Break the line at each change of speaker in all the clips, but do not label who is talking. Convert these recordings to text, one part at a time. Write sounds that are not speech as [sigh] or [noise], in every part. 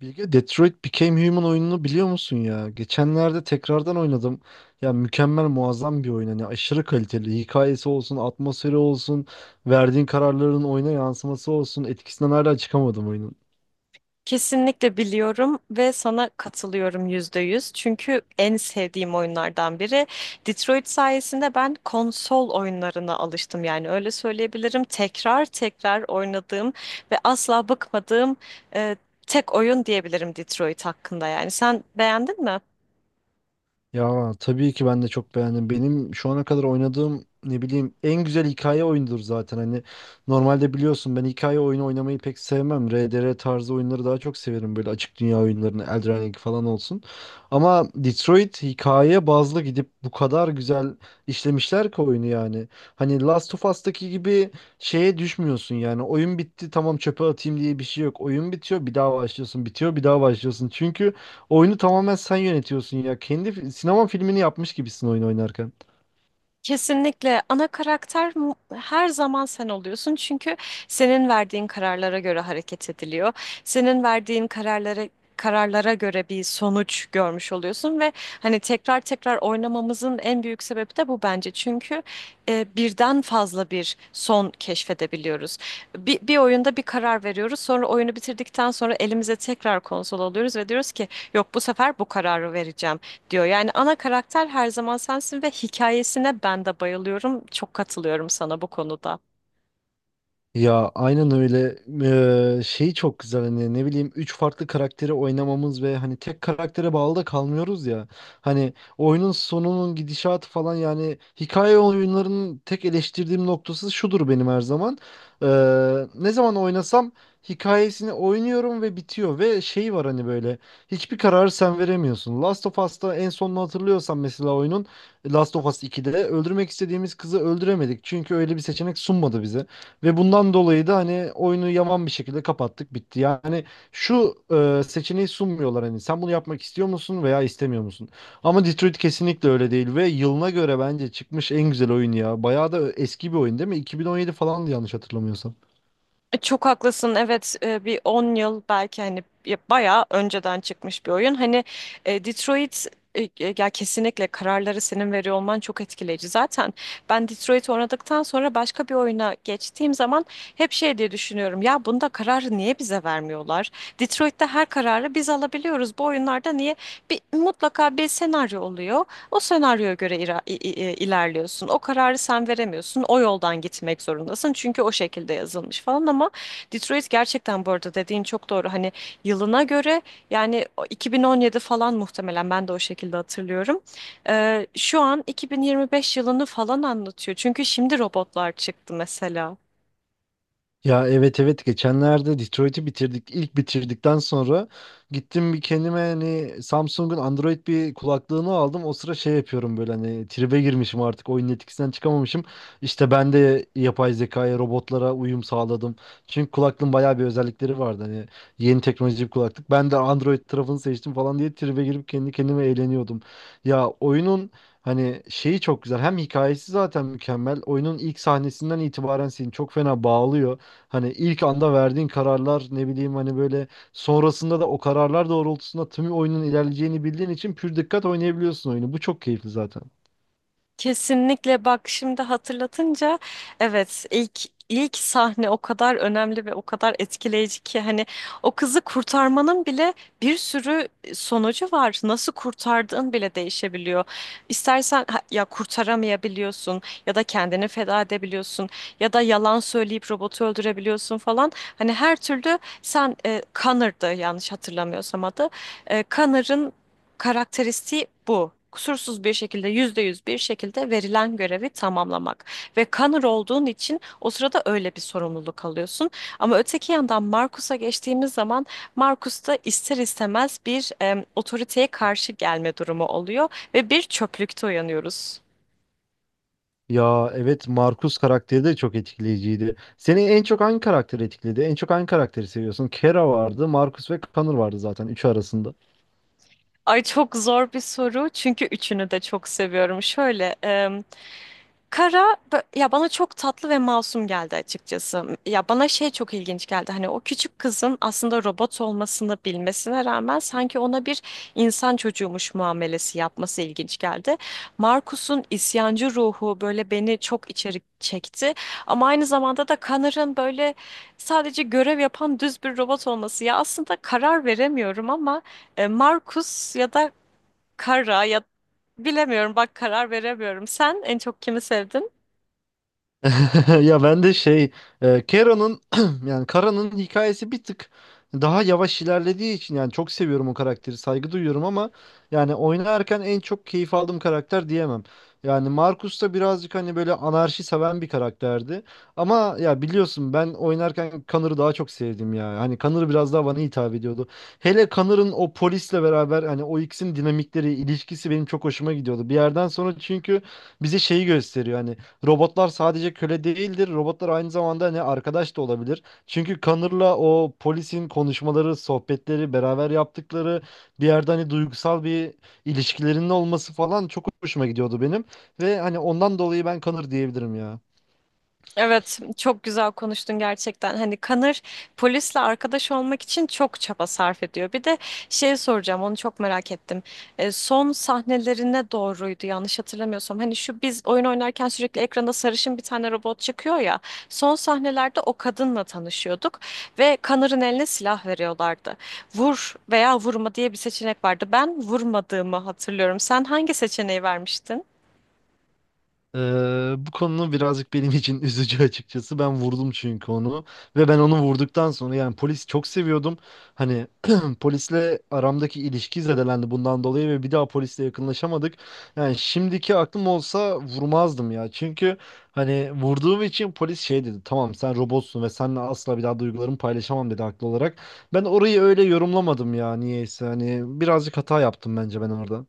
Bilge Detroit Become Human oyununu biliyor musun ya? Geçenlerde tekrardan oynadım. Ya mükemmel muazzam bir oyun. Hani aşırı kaliteli. Hikayesi olsun, atmosferi olsun, verdiğin kararların oyuna yansıması olsun. Etkisinden hala çıkamadım oyunun.
Kesinlikle biliyorum ve sana katılıyorum %100. Çünkü en sevdiğim oyunlardan biri. Detroit sayesinde ben konsol oyunlarına alıştım. Yani öyle söyleyebilirim. Tekrar tekrar oynadığım ve asla bıkmadığım e, tek oyun diyebilirim Detroit hakkında. Yani sen beğendin mi?
Ya tabii ki ben de çok beğendim. Benim şu ana kadar oynadığım ne bileyim en güzel hikaye oyunudur zaten. Hani normalde biliyorsun ben hikaye oyunu oynamayı pek sevmem. RDR tarzı oyunları daha çok severim. Böyle açık dünya oyunlarını, Elden Ring falan olsun. Ama Detroit hikaye bazlı gidip bu kadar güzel işlemişler ki oyunu yani. Hani Last of Us'taki gibi şeye düşmüyorsun yani. Oyun bitti, tamam çöpe atayım diye bir şey yok. Oyun bitiyor bir daha başlıyorsun. Bitiyor bir daha başlıyorsun. Çünkü oyunu tamamen sen yönetiyorsun ya. Kendi sinema filmini yapmış gibisin oyun oynarken.
Kesinlikle ana karakter her zaman sen oluyorsun, çünkü senin verdiğin kararlara göre hareket ediliyor. Senin verdiğin kararlara göre bir sonuç görmüş oluyorsun ve hani tekrar tekrar oynamamızın en büyük sebebi de bu, bence. Çünkü birden fazla bir son keşfedebiliyoruz. Bir oyunda bir karar veriyoruz, sonra oyunu bitirdikten sonra elimize tekrar konsol alıyoruz ve diyoruz ki yok, bu sefer bu kararı vereceğim diyor. Yani ana karakter her zaman sensin ve hikayesine ben de bayılıyorum. Çok katılıyorum sana bu konuda.
Ya aynen öyle. Şey çok güzel hani, ne bileyim, üç farklı karakteri oynamamız ve hani tek karaktere bağlı da kalmıyoruz ya. Hani oyunun sonunun gidişatı falan, yani hikaye oyunlarının tek eleştirdiğim noktası şudur benim, her zaman. Ne zaman oynasam hikayesini oynuyorum ve bitiyor ve şey var hani, böyle hiçbir kararı sen veremiyorsun. Last of Us'ta en sonunu hatırlıyorsan mesela oyunun, Last of Us iki'de öldürmek istediğimiz kızı öldüremedik. Çünkü öyle bir seçenek sunmadı bize. Ve bundan dolayı da hani oyunu yaman bir şekilde kapattık, bitti. Yani şu seçeneği sunmuyorlar, hani sen bunu yapmak istiyor musun veya istemiyor musun? Ama Detroit kesinlikle öyle değil ve yılına göre bence çıkmış en güzel oyun ya. Bayağı da eski bir oyun değil mi? 2017 falan, yanlış hatırlamıyorsam.
Çok haklısın. Evet, bir 10 yıl belki, hani ya bayağı önceden çıkmış bir oyun. Hani Detroit e, e, ya kesinlikle kararları senin veriyor olman çok etkileyici. Zaten ben Detroit oynadıktan sonra başka bir oyuna geçtiğim zaman hep şey diye düşünüyorum. Ya bunda kararı niye bize vermiyorlar? Detroit'te her kararı biz alabiliyoruz. Bu oyunlarda niye? Bir, mutlaka bir senaryo oluyor. O senaryoya göre ilerliyorsun. O kararı sen veremiyorsun. O yoldan gitmek zorundasın. Çünkü o şekilde yazılmış falan. Ama Detroit, gerçekten bu arada dediğin çok doğru. Hani yılına göre, yani o 2017 falan, muhtemelen ben de o şekilde hatırlıyorum. Şu an 2025 yılını falan anlatıyor. Çünkü şimdi robotlar çıktı mesela.
Ya, evet, evet, geçenlerde Detroit'i bitirdik. İlk bitirdikten sonra gittim bir kendime, hani Samsung'un Android bir kulaklığını aldım. O sıra şey yapıyorum, böyle hani tribe girmişim, artık oyunun etkisinden çıkamamışım. İşte ben de yapay zekaya, robotlara uyum sağladım. Çünkü kulaklığın bayağı bir özellikleri vardı hani, yeni teknoloji bir kulaklık. Ben de Android tarafını seçtim falan diye tribe girip kendi kendime eğleniyordum. Ya oyunun Hani şeyi çok güzel. Hem hikayesi zaten mükemmel. Oyunun ilk sahnesinden itibaren seni çok fena bağlıyor. Hani ilk anda verdiğin kararlar, ne bileyim hani böyle, sonrasında da o kararlar doğrultusunda tüm oyunun ilerleyeceğini bildiğin için pür dikkat oynayabiliyorsun oyunu. Bu çok keyifli zaten.
Kesinlikle, bak, şimdi hatırlatınca evet, ilk sahne o kadar önemli ve o kadar etkileyici ki hani o kızı kurtarmanın bile bir sürü sonucu var. Nasıl kurtardığın bile değişebiliyor. İstersen ya kurtaramayabiliyorsun, ya da kendini feda edebiliyorsun, ya da yalan söyleyip robotu öldürebiliyorsun falan. Hani her türlü sen, Connor'dı yanlış hatırlamıyorsam adı. Connor'ın karakteristiği bu. Kusursuz bir şekilde, %100 bir şekilde verilen görevi tamamlamak. Ve Connor olduğun için o sırada öyle bir sorumluluk alıyorsun. Ama öteki yandan Marcus'a geçtiğimiz zaman, Marcus da ister istemez bir otoriteye karşı gelme durumu oluyor ve bir çöplükte uyanıyoruz.
Ya evet, Markus karakteri de çok etkileyiciydi. Seni en çok hangi karakter etkiledi? En çok hangi karakteri seviyorsun? Kera vardı, Markus ve Connor vardı zaten, üçü arasında.
Ay, çok zor bir soru, çünkü üçünü de çok seviyorum. Şöyle, Kara, ya, bana çok tatlı ve masum geldi açıkçası. Ya, bana şey çok ilginç geldi. Hani o küçük kızın aslında robot olmasını bilmesine rağmen sanki ona bir insan çocuğumuş muamelesi yapması ilginç geldi. Markus'un isyancı ruhu böyle beni çok içeri çekti. Ama aynı zamanda da Connor'ın böyle sadece görev yapan düz bir robot olması. Ya aslında karar veremiyorum ama Markus ya da Kara, ya bilemiyorum bak, karar veremiyorum. Sen en çok kimi sevdin?
[laughs] Ya ben de şey, Kera'nın [clears throat] yani Kara'nın hikayesi bir tık daha yavaş ilerlediği için, yani çok seviyorum o karakteri, saygı duyuyorum, ama yani oynarken en çok keyif aldığım karakter diyemem. Yani Marcus da birazcık hani, böyle anarşi seven bir karakterdi. Ama ya biliyorsun, ben oynarken Connor'ı daha çok sevdim ya. Hani Connor biraz daha bana hitap ediyordu. Hele Connor'ın o polisle beraber, hani o ikisinin dinamikleri, ilişkisi benim çok hoşuma gidiyordu. Bir yerden sonra çünkü bize şeyi gösteriyor hani, robotlar sadece köle değildir. Robotlar aynı zamanda ne arkadaş da olabilir. Çünkü Connor'la o polisin konuşmaları, sohbetleri, beraber yaptıkları, bir yerde hani duygusal bir ilişkilerinin olması falan çok hoşuma gidiyordu benim. Ve hani ondan dolayı ben Connor diyebilirim ya.
Evet, çok güzel konuştun gerçekten. Hani Kanır polisle arkadaş olmak için çok çaba sarf ediyor. Bir de şey soracağım, onu çok merak ettim. Son sahnelerine doğruydu yanlış hatırlamıyorsam. Hani şu, biz oyun oynarken sürekli ekranda sarışın bir tane robot çıkıyor ya. Son sahnelerde o kadınla tanışıyorduk ve Kanır'ın eline silah veriyorlardı. Vur veya vurma diye bir seçenek vardı. Ben vurmadığımı hatırlıyorum. Sen hangi seçeneği vermiştin?
Bu konu birazcık benim için [laughs] üzücü açıkçası. Ben vurdum çünkü onu, ve ben onu vurduktan sonra yani polis çok seviyordum. Hani [clears throat] polisle aramdaki ilişki zedelendi bundan dolayı ve bir daha polisle yakınlaşamadık. Yani şimdiki aklım olsa vurmazdım ya. Çünkü hani vurduğum için polis şey dedi. Tamam, sen robotsun ve seninle asla bir daha duygularımı paylaşamam dedi, haklı olarak. Ben orayı öyle yorumlamadım ya, niyeyse. Hani birazcık hata yaptım bence ben orada.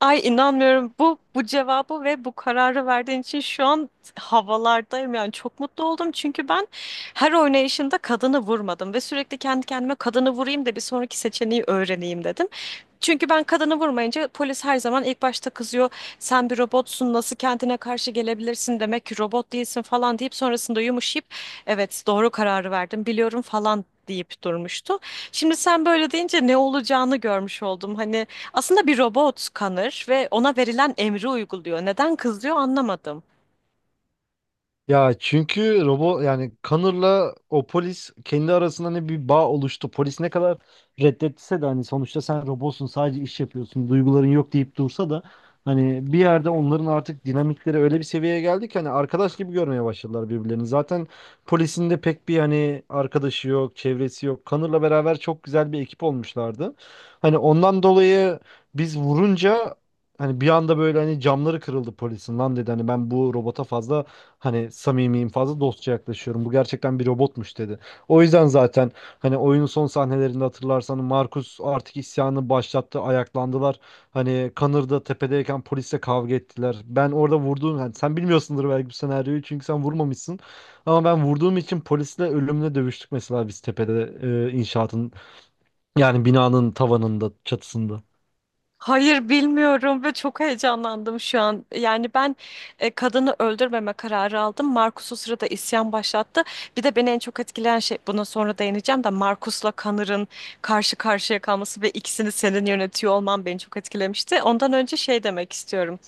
Ay, inanmıyorum bu cevabı ve bu kararı verdiğin için şu an havalardayım, yani çok mutlu oldum. Çünkü ben her oynayışında kadını vurmadım ve sürekli kendi kendime kadını vurayım da bir sonraki seçeneği öğreneyim dedim. Çünkü ben kadını vurmayınca polis her zaman ilk başta kızıyor. Sen bir robotsun, nasıl kendine karşı gelebilirsin, demek ki robot değilsin falan deyip sonrasında yumuşayıp evet doğru kararı verdim biliyorum falan deyip durmuştu. Şimdi sen böyle deyince ne olacağını görmüş oldum. Hani aslında bir robot Connor ve ona verilen emri uyguluyor. Neden kızıyor anlamadım.
Ya çünkü robot, yani Connor'la o polis kendi arasında ne bir bağ oluştu. Polis ne kadar reddetse de, hani sonuçta sen robotsun, sadece iş yapıyorsun, duyguların yok deyip dursa da, hani bir yerde onların artık dinamikleri öyle bir seviyeye geldi ki hani arkadaş gibi görmeye başladılar birbirlerini. Zaten polisin de pek bir hani arkadaşı yok, çevresi yok. Connor'la beraber çok güzel bir ekip olmuşlardı. Hani ondan dolayı biz vurunca, hani bir anda böyle hani camları kırıldı polisin, lan dedi, hani ben bu robota fazla hani samimiyim, fazla dostça yaklaşıyorum. Bu gerçekten bir robotmuş dedi. O yüzden zaten hani oyunun son sahnelerinde hatırlarsan, Markus artık isyanı başlattı. Ayaklandılar. Hani Connor da tepedeyken polisle kavga ettiler. Ben orada vurduğum, hani sen bilmiyorsundur belki bu senaryoyu çünkü sen vurmamışsın. Ama ben vurduğum için polisle ölümle dövüştük mesela, biz tepede, inşaatın, yani binanın tavanında, çatısında.
Hayır, bilmiyorum ve çok heyecanlandım şu an. Yani ben kadını öldürmeme kararı aldım. Marcus o sırada isyan başlattı. Bir de beni en çok etkileyen şey, buna sonra değineceğim, de Marcus'la Connor'ın karşı karşıya kalması ve ikisini senin yönetiyor olman beni çok etkilemişti. Ondan önce şey demek istiyorum.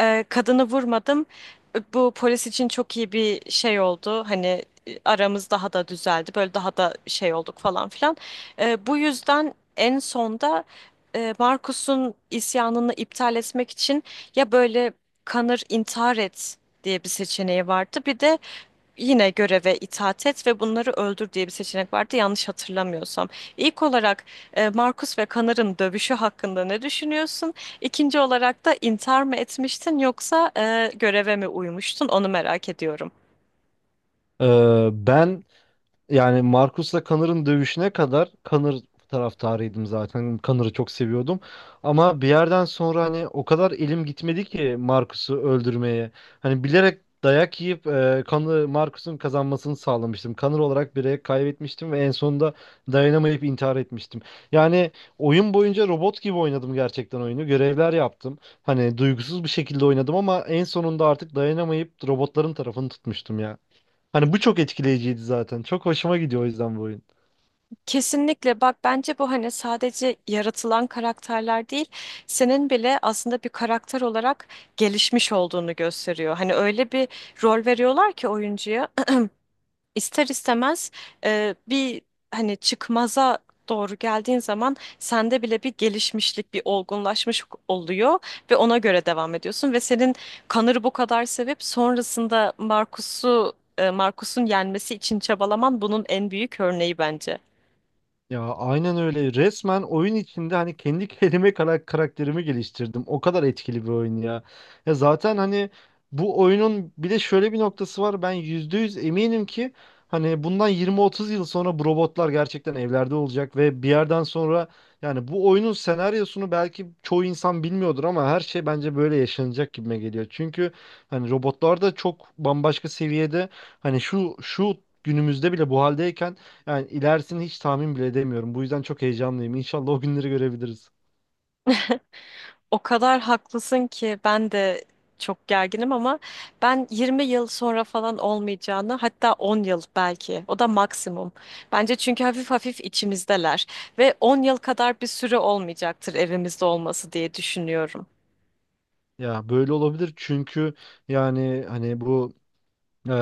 Kadını vurmadım. Bu polis için çok iyi bir şey oldu. Hani aramız daha da düzeldi. Böyle daha da şey olduk falan filan. Bu yüzden en sonda Marcus'un isyanını iptal etmek için, ya böyle, kanır intihar et diye bir seçeneği vardı. Bir de yine göreve itaat et ve bunları öldür diye bir seçenek vardı yanlış hatırlamıyorsam. İlk olarak Markus ve Kanar'ın dövüşü hakkında ne düşünüyorsun? İkinci olarak da intihar mı etmiştin, yoksa göreve mi uymuştun? Onu merak ediyorum.
Ben Yani Marcus'la Connor'ın dövüşüne kadar Connor taraftarıydım zaten. Connor'ı çok seviyordum. Ama bir yerden sonra hani o kadar elim gitmedi ki Marcus'u öldürmeye. Hani bilerek dayak yiyip Connor, Marcus'un kazanmasını sağlamıştım. Connor olarak bireye kaybetmiştim ve en sonunda dayanamayıp intihar etmiştim. Yani oyun boyunca robot gibi oynadım gerçekten oyunu. Görevler yaptım. Hani duygusuz bir şekilde oynadım ama en sonunda artık dayanamayıp robotların tarafını tutmuştum ya. Hani bu çok etkileyiciydi zaten. Çok hoşuma gidiyor o yüzden bu oyun.
Kesinlikle, bak, bence bu hani sadece yaratılan karakterler değil, senin bile aslında bir karakter olarak gelişmiş olduğunu gösteriyor. Hani öyle bir rol veriyorlar ki oyuncuya [clears throat] ister istemez bir hani çıkmaza doğru geldiğin zaman sende bile bir gelişmişlik, bir olgunlaşmış oluyor ve ona göre devam ediyorsun ve senin Connor'ı bu kadar sevip sonrasında Marcus'un yenmesi için çabalaman bunun en büyük örneği bence.
Ya aynen öyle. Resmen oyun içinde hani kendi [laughs] karakterimi geliştirdim. O kadar etkili bir oyun ya. Ya zaten hani bu oyunun bir de şöyle bir noktası var. Ben %100 eminim ki hani bundan 20-30 yıl sonra bu robotlar gerçekten evlerde olacak, ve bir yerden sonra, yani bu oyunun senaryosunu belki çoğu insan bilmiyordur ama her şey bence böyle yaşanacak gibime geliyor. Çünkü hani robotlar da çok bambaşka seviyede, hani şu şu günümüzde bile bu haldeyken, yani ilerisini hiç tahmin bile edemiyorum. Bu yüzden çok heyecanlıyım. İnşallah o günleri görebiliriz.
O kadar haklısın ki. Ben de çok gerginim ama ben 20 yıl sonra falan olmayacağını, hatta 10 yıl belki, o da maksimum. Bence çünkü hafif hafif içimizdeler ve 10 yıl kadar bir süre olmayacaktır evimizde olması, diye düşünüyorum.
Ya böyle olabilir, çünkü yani hani bu Ee,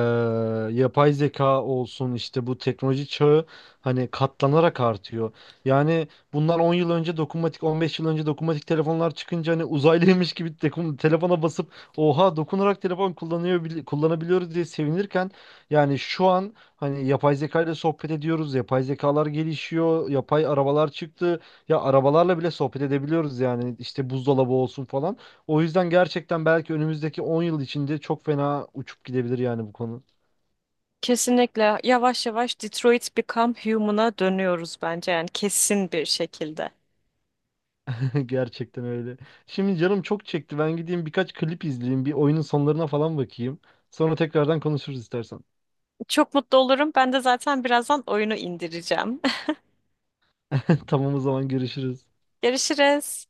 yapay zeka olsun, işte bu teknoloji çağı hani katlanarak artıyor. Yani bunlar 10 yıl önce, dokunmatik, 15 yıl önce dokunmatik telefonlar çıkınca hani uzaylıymış gibi telefona basıp, oha dokunarak telefon kullanıyor, kullanabiliyoruz diye sevinirken, yani şu an hani yapay zeka ile sohbet ediyoruz. Yapay zekalar gelişiyor. Yapay arabalar çıktı. Ya arabalarla bile sohbet edebiliyoruz, yani işte buzdolabı olsun falan. O yüzden gerçekten belki önümüzdeki 10 yıl içinde çok fena uçup gidebilir yani bu konu.
Kesinlikle yavaş yavaş Detroit Become Human'a dönüyoruz bence, yani kesin bir şekilde.
[laughs] Gerçekten öyle. Şimdi canım çok çekti. Ben gideyim birkaç klip izleyeyim. Bir oyunun sonlarına falan bakayım. Sonra tekrardan konuşuruz istersen.
Çok mutlu olurum. Ben de zaten birazdan oyunu indireceğim.
[laughs] Tamam, o zaman görüşürüz.
[laughs] Görüşürüz.